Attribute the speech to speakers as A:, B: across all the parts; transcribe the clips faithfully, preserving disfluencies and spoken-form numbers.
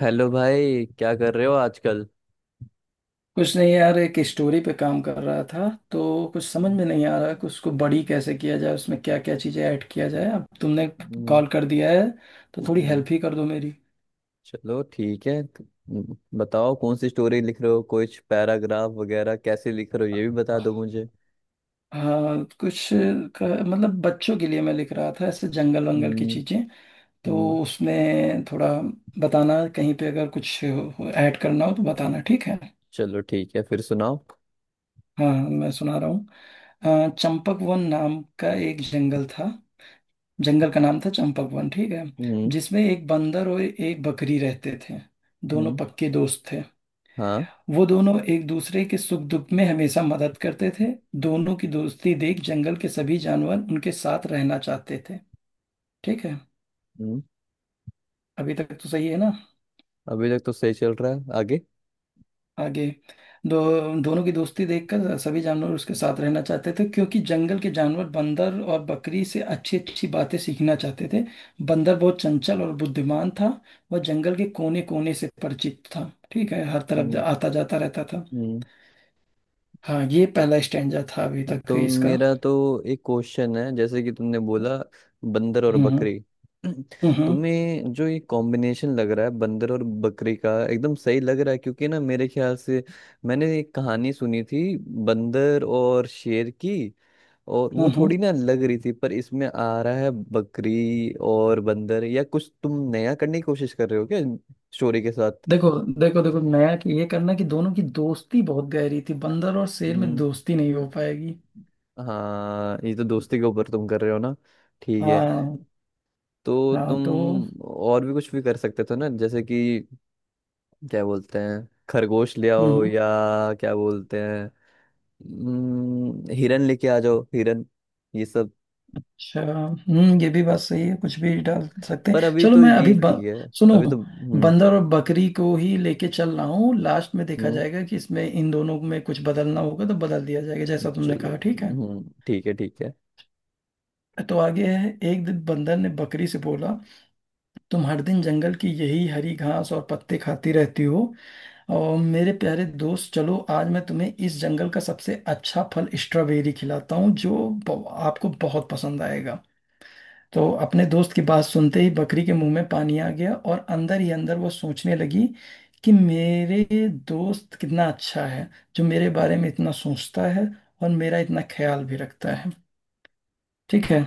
A: Hello भाई, क्या कर रहे हो आजकल?
B: कुछ नहीं यार, एक स्टोरी पे काम कर रहा था तो कुछ समझ में नहीं आ रहा कि उसको बड़ी कैसे किया जाए, उसमें क्या क्या चीज़ें ऐड किया जाए। अब तुमने
A: हम्म।
B: कॉल कर दिया है तो थोड़ी
A: हम्म।
B: हेल्प ही कर दो मेरी।
A: चलो ठीक है क- हम्म, बताओ कौन सी स्टोरी लिख रहे हो? कुछ पैराग्राफ वगैरह कैसे लिख रहे हो ये भी बता दो मुझे।
B: हाँ, कुछ का, मतलब बच्चों के लिए मैं लिख रहा था, ऐसे जंगल वंगल की
A: हम्म।
B: चीज़ें। तो
A: हम्म,
B: उसमें थोड़ा बताना, कहीं पे अगर कुछ ऐड करना हो तो बताना, ठीक है।
A: चलो ठीक है, फिर सुनाओ।
B: हाँ, मैं सुना रहा हूँ। अ, चंपक वन नाम का एक जंगल था। जंगल का नाम था चंपक वन, ठीक है।
A: हम्म।
B: जिसमें एक बंदर और एक बकरी रहते थे। दोनों
A: हम्म।
B: पक्के दोस्त थे।
A: हाँ।
B: वो दोनों एक दूसरे के सुख दुख में हमेशा मदद करते थे। दोनों की दोस्ती देख जंगल के सभी जानवर उनके साथ रहना चाहते थे, ठीक है।
A: हम्म।
B: अभी तक तो सही है ना?
A: अभी तक तो सही चल रहा है, आगे।
B: आगे। दो दोनों की दोस्ती देखकर सभी जानवर उसके साथ रहना चाहते थे क्योंकि जंगल के जानवर बंदर और बकरी से अच्छी अच्छी बातें सीखना चाहते थे। बंदर बहुत चंचल और बुद्धिमान था। वह जंगल के कोने कोने से परिचित था, ठीक है, हर तरफ जा-
A: हम्म।
B: आता जाता रहता था।
A: हम्म।
B: हाँ, ये पहला स्टैंजा था अभी तक
A: तो
B: इसका।
A: मेरा तो एक क्वेश्चन है, जैसे कि तुमने बोला, बंदर और
B: हम्म, हम्म,
A: बकरी।
B: हम्म, हम्म,
A: तुम्हें जो ये कॉम्बिनेशन लग रहा है बंदर और बकरी का एकदम सही लग रहा है, क्योंकि ना मेरे ख्याल से मैंने एक कहानी सुनी थी, बंदर और शेर की, और वो
B: हम्म। हम्म।
A: थोड़ी ना लग रही थी। पर इसमें आ रहा है बकरी और बंदर, या कुछ तुम नया करने की कोशिश कर रहे हो क्या स्टोरी के साथ?
B: देखो, देखो देखो, नया कि ये करना कि दोनों की दोस्ती बहुत गहरी थी, बंदर और शेर में
A: हम्म,
B: दोस्ती नहीं हो पाएगी।
A: हाँ, ये तो दोस्ती के ऊपर तुम कर रहे हो ना। ठीक है।
B: हाँ।
A: तो
B: हाँ
A: तुम
B: तो
A: और भी कुछ भी कर सकते थे ना, जैसे कि क्या बोलते हैं, खरगोश ले
B: हम्म
A: आओ,
B: हम्म।
A: या क्या बोलते हैं, हम्म, हिरन लेके आ जाओ, हिरन, ये सब।
B: अच्छा, हम्म, ये भी बात सही है, कुछ भी डाल सकते
A: पर
B: हैं।
A: अभी
B: चलो
A: तो
B: मैं अभी
A: ये ठीक
B: ब,
A: है,
B: सुनो,
A: अभी तो। हम्म
B: बंदर और बकरी को ही लेके चल रहा हूँ। लास्ट में देखा
A: हम्म।
B: जाएगा कि इसमें इन दोनों में कुछ बदलना होगा तो बदल दिया जाएगा, जैसा तुमने
A: चलो।
B: कहा, ठीक है।
A: हम्म, ठीक है, ठीक है।
B: तो आगे है, एक दिन बंदर ने बकरी से बोला, तुम हर दिन जंगल की यही हरी घास और पत्ते खाती रहती हो, और मेरे प्यारे दोस्त चलो आज मैं तुम्हें इस जंगल का सबसे अच्छा फल स्ट्रॉबेरी खिलाता हूँ जो ब- आपको बहुत पसंद आएगा। तो अपने दोस्त की बात सुनते ही बकरी के मुंह में पानी आ गया और अंदर ही अंदर वो सोचने लगी कि मेरे दोस्त कितना अच्छा है, जो मेरे बारे में इतना सोचता है और मेरा इतना ख्याल भी रखता है, ठीक है।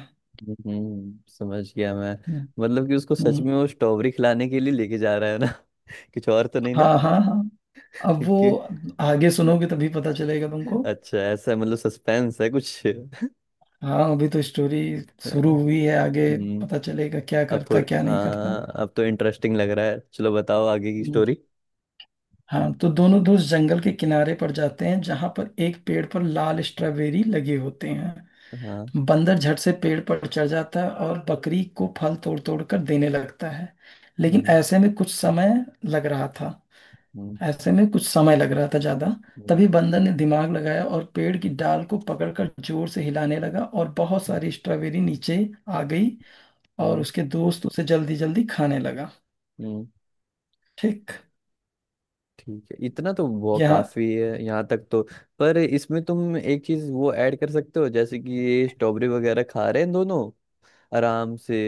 A: हम्म समझ गया मैं।
B: हम्म,
A: मतलब कि उसको सच
B: हम्म,
A: में वो स्ट्रॉबेरी खिलाने के लिए लेके जा रहा है ना? कुछ और तो नहीं ना?
B: हाँ हाँ हाँ। अब वो,
A: कि।
B: आगे सुनोगे तभी पता चलेगा तुमको।
A: अच्छा, ऐसा मतलब सस्पेंस है कुछ?
B: हाँ, अभी तो स्टोरी शुरू हुई है। आगे
A: हम्म
B: पता चलेगा क्या
A: अब
B: करता
A: थोड़ी,
B: क्या नहीं करता।
A: हाँ, अब तो इंटरेस्टिंग लग रहा है। चलो बताओ आगे की
B: हम्म।
A: स्टोरी।
B: हाँ, तो दोनों दोस्त जंगल के किनारे पर जाते हैं जहां पर एक पेड़ पर लाल स्ट्रॉबेरी लगे होते हैं।
A: हाँ।
B: बंदर झट से पेड़ पर चढ़ जाता है और बकरी को फल तोड़ तोड़ कर देने लगता है। लेकिन
A: हम्म।
B: ऐसे में कुछ समय लग रहा था।
A: हम्म।
B: ऐसे में कुछ समय लग रहा था ज्यादा।
A: हम्म।
B: तभी बंदर ने दिमाग लगाया और पेड़ की डाल को पकड़कर जोर से हिलाने लगा और बहुत सारी स्ट्रॉबेरी नीचे आ गई, और
A: हम्म।
B: उसके दोस्त उसे जल्दी जल्दी खाने लगा।
A: हम्म।
B: ठीक।
A: ठीक है, इतना तो वो
B: यहाँ।
A: काफी है, यहाँ तक तो। पर इसमें तुम एक चीज वो ऐड कर सकते हो, जैसे कि ये स्ट्रॉबेरी वगैरह खा रहे हैं दोनों आराम से,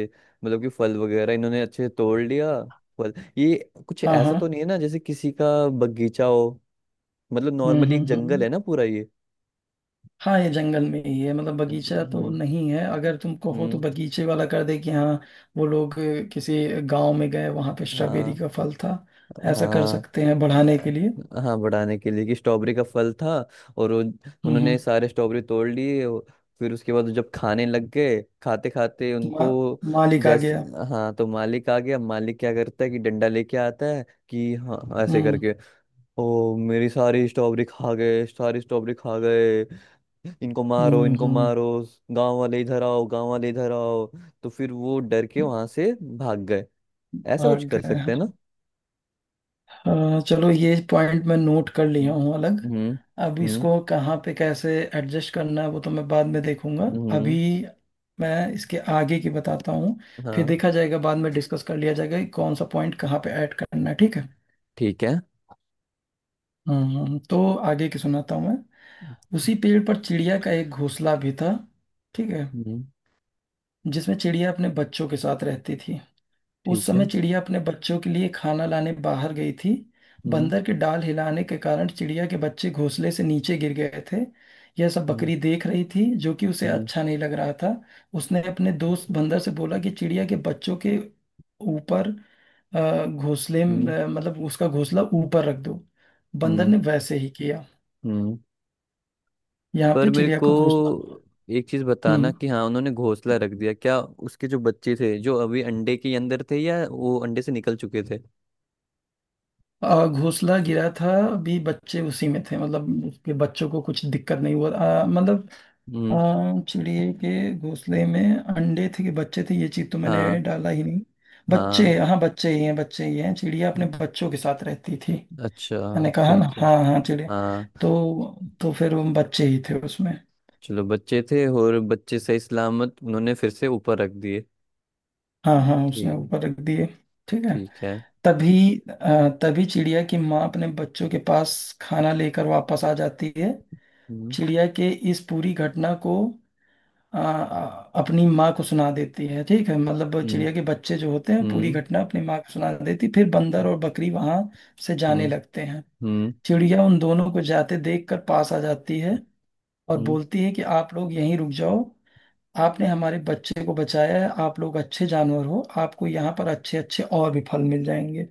A: मतलब कि फल वगैरह इन्होंने अच्छे से तोड़ लिया। फल ये कुछ
B: हाँ हाँ।
A: ऐसा तो नहीं है ना जैसे किसी का बगीचा हो? मतलब
B: हम्म,
A: नॉर्मली
B: हम्म,
A: एक जंगल
B: हम्म।
A: है ना पूरा ये।
B: हाँ, ये जंगल में ही है, मतलब
A: अच्छा,
B: बगीचा तो
A: हम्म।
B: नहीं है। अगर तुम कहो तो
A: हम्म।
B: बगीचे वाला कर दे कि हाँ, वो लोग अ, किसी गांव में गए, वहां पे स्ट्रॉबेरी
A: हाँ,
B: का फल था, ऐसा कर
A: हाँ।
B: सकते हैं बढ़ाने के लिए।
A: अ, हाँ, बढ़ाने के लिए कि स्ट्रॉबेरी का फल था। और वो
B: हम्म
A: उन्होंने
B: हम्म।
A: सारे स्ट्रॉबेरी तोड़ लिए वो- फिर उसके बाद जब खाने लग गए, खाते खाते उनको,
B: मा, मालिक आ
A: जैसे,
B: गया।
A: हाँ तो मालिक आ गया। मालिक क्या करता है कि डंडा लेके आता है कि हाँ हाँ, ऐसे
B: हम्म,
A: करके, ओ मेरी सारी स्ट्रॉबेरी खा गए, सारी स्ट्रॉबेरी खा गए, इनको मारो,
B: हम्म,
A: इनको
B: हम्म।
A: मारो, गांव वाले इधर आओ, गांव वाले इधर आओ। तो फिर वो डर के वहां से भाग गए। ऐसा कुछ
B: भाग
A: कर
B: गए,
A: सकते हैं ना?
B: हाँ। अ, चलो, ये पॉइंट मैं नोट कर लिया
A: हम्म।
B: हूँ अलग। अब
A: हम्म।
B: इसको कहाँ पे कैसे एडजस्ट करना है वो तो मैं बाद में देखूंगा। अभी
A: हम्म।
B: मैं इसके आगे की बताता हूँ, फिर
A: हाँ।
B: देखा जाएगा बाद में, डिस्कस कर लिया जाएगा कि कौन सा पॉइंट कहाँ पे ऐड करना है, ठीक है।
A: ठीक है।
B: हम्म, तो आगे की सुनाता हूँ मैं। उसी पेड़ पर चिड़िया का एक घोंसला भी था, ठीक है,
A: हम्म।
B: जिसमें चिड़िया अपने बच्चों के साथ रहती थी। उस
A: ठीक
B: समय
A: है।
B: चिड़िया अपने बच्चों के लिए खाना लाने बाहर गई थी।
A: हम्म।
B: बंदर के डाल हिलाने के कारण चिड़िया के बच्चे घोंसले से नीचे गिर गए थे। यह सब
A: हम्म।
B: बकरी देख रही थी, जो कि उसे
A: हम्म।
B: अच्छा नहीं लग रहा था। उसने अपने दोस्त बंदर से बोला कि चिड़िया के बच्चों के ऊपर, अ, घोंसले में-
A: हम्म।
B: अ, मतलब उसका घोंसला ऊपर रख दो। बंदर
A: हम्म।
B: ने वैसे ही किया।
A: हम्म।
B: यहाँ
A: पर
B: पे
A: मेरे
B: चिड़िया
A: को
B: को घोंसला।
A: एक चीज बताना
B: हम्म।
A: कि हाँ उन्होंने घोंसला रख दिया, क्या उसके जो बच्चे थे जो अभी अंडे के अंदर थे, या वो अंडे से निकल चुके थे?
B: अ, घोंसला गिरा था, अभी बच्चे उसी में थे, मतलब उसके बच्चों को कुछ दिक्कत नहीं हुआ। अ, मतलब
A: हम्म।
B: अ, चिड़िए के घोंसले में अंडे थे कि बच्चे थे, ये चीज तो मैंने
A: हाँ।
B: डाला ही नहीं।
A: हाँ।
B: बच्चे, हाँ, बच्चे ही हैं, बच्चे ही हैं, चिड़िया अपने
A: हम्म।
B: बच्चों के साथ रहती थी।
A: अच्छा।
B: मैंने कहा ना,
A: ठीक है।
B: हाँ हाँ, चिड़िया।
A: हाँ।
B: तो तो फिर वो बच्चे ही थे उसमें।
A: चलो, बच्चे थे और बच्चे सही सलामत उन्होंने फिर से ऊपर रख दिए।
B: हाँ हाँ, उसने
A: ठीक।
B: ऊपर रख दिए, ठीक है।
A: ठीक है।
B: तभी अ, तभी चिड़िया की माँ अपने बच्चों के पास खाना लेकर वापस आ जाती है।
A: हम्म।
B: चिड़िया के इस पूरी घटना को आ, आ, अपनी माँ को सुना देती है, ठीक है, मतलब
A: हम्म।
B: चिड़िया के बच्चे जो होते हैं पूरी
A: हम्म।
B: घटना अपनी माँ को सुना देती, फिर बंदर और बकरी वहां से
A: हम्म।
B: जाने लगते हैं।
A: हम्म।
B: चिड़िया उन दोनों को जाते देख कर पास आ जाती है और
A: हम्म।
B: बोलती है कि आप लोग यहीं रुक जाओ, आपने हमारे बच्चे को बचाया है, आप लोग अच्छे जानवर हो, आपको यहाँ पर अच्छे अच्छे और भी फल मिल जाएंगे।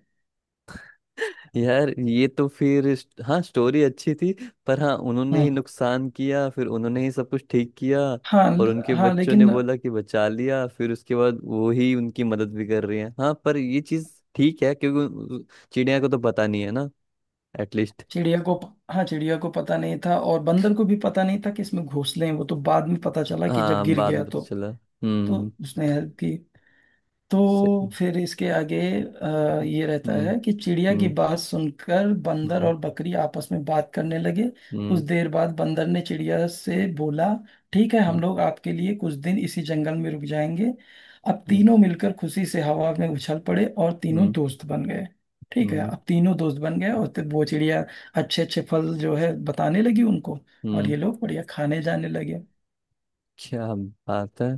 A: यार, ये तो फिर स्ट- हाँ, स्टोरी अच्छी थी। पर हाँ, उन्होंने
B: हम्म।
A: ही नुकसान किया, फिर उन्होंने ही सब कुछ ठीक किया।
B: हाँ,
A: और
B: ल-
A: उनके
B: हाँ
A: बच्चों ने
B: लेकिन
A: बोला कि बचा लिया, फिर उसके बाद वो ही उनकी मदद भी कर रही है। हाँ पर ये चीज ठीक है क्योंकि उन- चिड़िया को तो पता नहीं है ना, एटलीस्ट।
B: चिड़िया को, हाँ, चिड़िया को पता नहीं था, और बंदर को भी पता नहीं था कि इसमें घोंसले हैं, वो तो बाद में पता चला कि जब
A: हाँ,
B: गिर
A: बाद
B: गया।
A: में
B: तो
A: पता चला।
B: तो
A: हम्म।
B: उसने हेल्प की। तो
A: सही।
B: फिर इसके आगे अ, ये रहता
A: हम्म।
B: है कि चिड़िया की
A: हम्म।
B: बात सुनकर बंदर
A: हम्म।
B: और बकरी आपस में बात करने लगे। कुछ
A: हम्म।
B: देर बाद बंदर ने चिड़िया से बोला, ठीक है, हम लोग आपके लिए कुछ दिन इसी जंगल में रुक जाएंगे। अब
A: हम्म।
B: तीनों मिलकर खुशी से हवा में उछल पड़े और तीनों
A: हम्म।
B: दोस्त बन गए, ठीक है।
A: हम्म।
B: अब तीनों दोस्त बन गए, और तो वो चिड़िया अच्छे अच्छे फल जो है बताने लगी उनको, और
A: हम्म।
B: ये लोग बढ़िया खाने जाने लगे।
A: क्या बात है।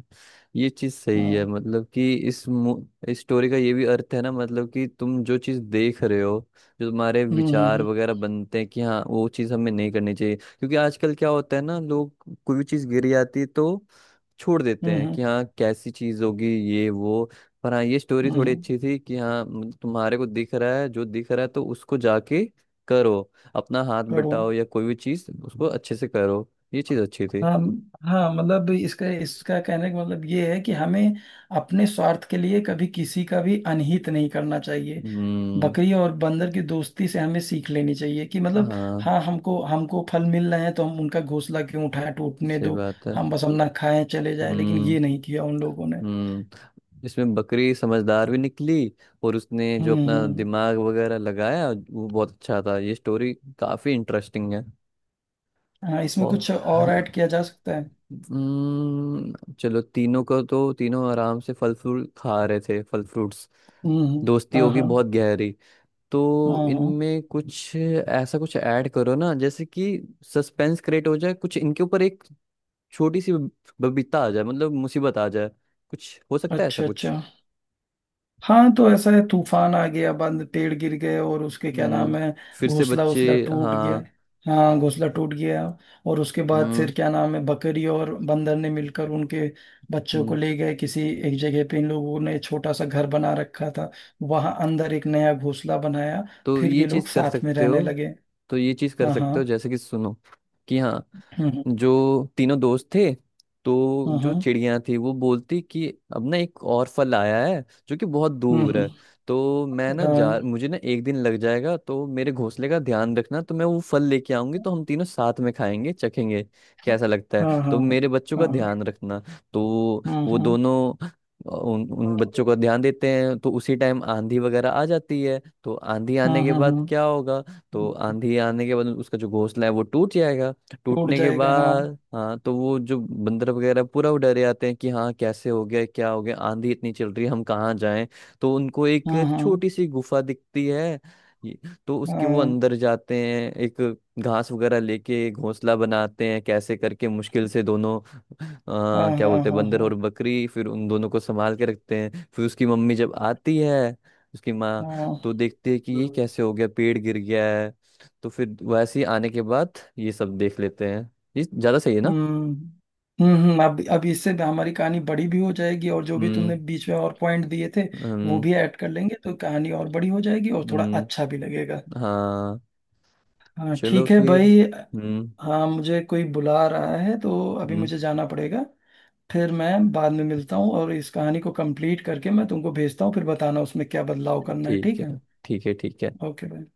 A: ये चीज सही
B: हाँ।
A: है, मतलब कि इस मु- इस स्टोरी का ये भी अर्थ है ना, मतलब कि तुम जो चीज देख रहे हो, जो तुम्हारे
B: हम्म,
A: विचार
B: हम्म,
A: वगैरह बनते हैं कि हाँ वो चीज हमें नहीं करनी चाहिए, क्योंकि आजकल क्या होता है ना, लोग कोई भी चीज गिरी आती है तो छोड़ देते
B: हम्म,
A: हैं
B: हम्म,
A: कि हाँ कैसी चीज होगी ये वो। पर हाँ, ये स्टोरी
B: हम्म, हम्म।
A: थोड़ी अच्छी थी कि हाँ, मतलब तुम्हारे को दिख रहा है जो दिख रहा है तो उसको जाके करो, अपना हाथ
B: करूँ।
A: बटाओ या कोई भी चीज उसको अच्छे से करो। ये चीज अच्छी थी।
B: हाँ हाँ, मतलब इसका इसका कहने का मतलब ये है कि हमें अपने स्वार्थ के लिए कभी किसी का भी अनहित नहीं करना चाहिए।
A: हम्म।
B: बकरी और बंदर की दोस्ती से हमें सीख लेनी चाहिए कि मतलब,
A: हाँ,
B: हाँ, हमको हमको फल मिल रहे हैं तो हम उनका घोंसला क्यों उठाएं, टूटने
A: सही
B: दो।
A: बात है।
B: हम बस अपना खाएं चले जाएं, लेकिन
A: हम्म।
B: ये नहीं किया उन लोगों ने।
A: हम्म इसमें बकरी समझदार भी निकली, और उसने जो
B: हम्म, हम्म,
A: अपना
B: हम्म।
A: दिमाग वगैरह लगाया वो बहुत अच्छा था। ये स्टोरी काफी इंटरेस्टिंग है।
B: हाँ, इसमें कुछ और
A: और
B: ऐड किया जा सकता है।
A: हम्म, चलो, तीनों को तो तीनों आराम से फल फ्रूट खा रहे थे, फल फ्रूट्स,
B: हम्म, हम्म,
A: दोस्ती
B: हाँ
A: होगी
B: हाँ
A: बहुत गहरी, तो
B: हाँ हाँ।
A: इनमें कुछ ऐसा कुछ ऐड करो ना, जैसे कि सस्पेंस क्रिएट हो जाए, कुछ इनके ऊपर एक छोटी सी बब- बबीता आ जाए, मतलब मुसीबत आ जाए, कुछ हो सकता है ऐसा
B: अच्छा
A: कुछ।
B: अच्छा। हाँ तो ऐसा है, तूफान आ गया, बंद पेड़ गिर गए, और उसके क्या
A: हम्म
B: नाम है,
A: फिर से
B: घोंसला
A: बच्चे।
B: उसला टूट गया।
A: हाँ।
B: हाँ, घोंसला टूट गया। और उसके बाद
A: हम्म।
B: फिर क्या नाम है, बकरी और बंदर ने मिलकर उनके बच्चों को
A: हम्म।
B: ले गए, किसी एक जगह पे इन लोगों ने छोटा सा घर बना रखा था, वहां अंदर एक नया घोंसला बनाया,
A: तो
B: फिर
A: ये
B: ये लोग
A: चीज कर
B: साथ में
A: सकते
B: रहने
A: हो।
B: लगे।
A: तो ये चीज कर
B: हाँ
A: सकते हो,
B: हाँ।
A: जैसे कि सुनो, कि हाँ,
B: हम्म,
A: जो तीनों दोस्त थे, तो जो
B: हम्म,
A: चिड़िया थी वो बोलती कि अब ना एक और फल आया है जो कि बहुत
B: हम्म,
A: दूर है,
B: हम्म,
A: तो मैं ना जा,
B: हाँ
A: मुझे ना एक दिन लग जाएगा, तो मेरे घोंसले का ध्यान रखना, तो मैं वो फल लेके आऊंगी, तो हम तीनों साथ में खाएंगे, चखेंगे कैसा लगता है,
B: हाँ हाँ
A: तो मेरे बच्चों का ध्यान
B: हाँ।
A: रखना। तो
B: हम्म,
A: वो
B: हम्म,
A: दोनों उन उन बच्चों का ध्यान देते हैं, तो उसी टाइम आंधी वगैरह आ जाती है, तो आंधी आने
B: हम्म,
A: के
B: हम्म,
A: बाद
B: हम्म,
A: क्या होगा। तो
B: हम्म।
A: आंधी आने के बाद उसका जो घोंसला है वो टूट जाएगा।
B: टूट
A: टूटने के
B: जाएगा, हाँ।
A: बाद हाँ, तो वो जो बंदर वगैरह पूरा वो डरे आते हैं कि हाँ, कैसे हो गया, क्या हो गया, आंधी इतनी चल रही है, हम कहाँ जाएं? तो उनको एक
B: हाँ हाँ
A: छोटी सी गुफा दिखती है ये- तो उसके वो
B: हाँ
A: अंदर जाते हैं, एक घास वगैरह लेके घोंसला बनाते हैं कैसे करके, मुश्किल से, दोनों
B: हाँ
A: आ, क्या
B: हाँ
A: बोलते हैं,
B: हाँ
A: बंदर
B: हाँ
A: और बकरी फिर उन दोनों को संभाल के रखते हैं। फिर उसकी मम्मी जब आती है, उसकी माँ, तो
B: हाँ।
A: देखते हैं कि ये कैसे हो गया, पेड़ गिर गया है। तो फिर वैसे ही आने के बाद ये सब देख लेते हैं। ये ज़्यादा सही है ना?
B: हम्म, हम्म, हम्म, अब अब इससे हमारी कहानी बड़ी भी हो जाएगी और जो भी तुमने
A: हम्म।
B: बीच में और पॉइंट दिए थे वो
A: हम्म।
B: भी ऐड कर लेंगे, तो कहानी और बड़ी हो जाएगी और थोड़ा
A: हम्म,
B: अच्छा भी लगेगा।
A: हाँ।
B: हाँ
A: चलो
B: ठीक है
A: फिर।
B: भाई।
A: हम्म।
B: हाँ, मुझे कोई बुला रहा है तो अभी
A: हम्म,
B: मुझे जाना पड़ेगा। फिर मैं बाद में मिलता हूँ, और इस कहानी को कंप्लीट करके मैं तुमको भेजता हूँ, फिर बताना उसमें क्या बदलाव करना है,
A: ठीक
B: ठीक है।
A: है, ठीक है, ठीक है।
B: ओके भाई।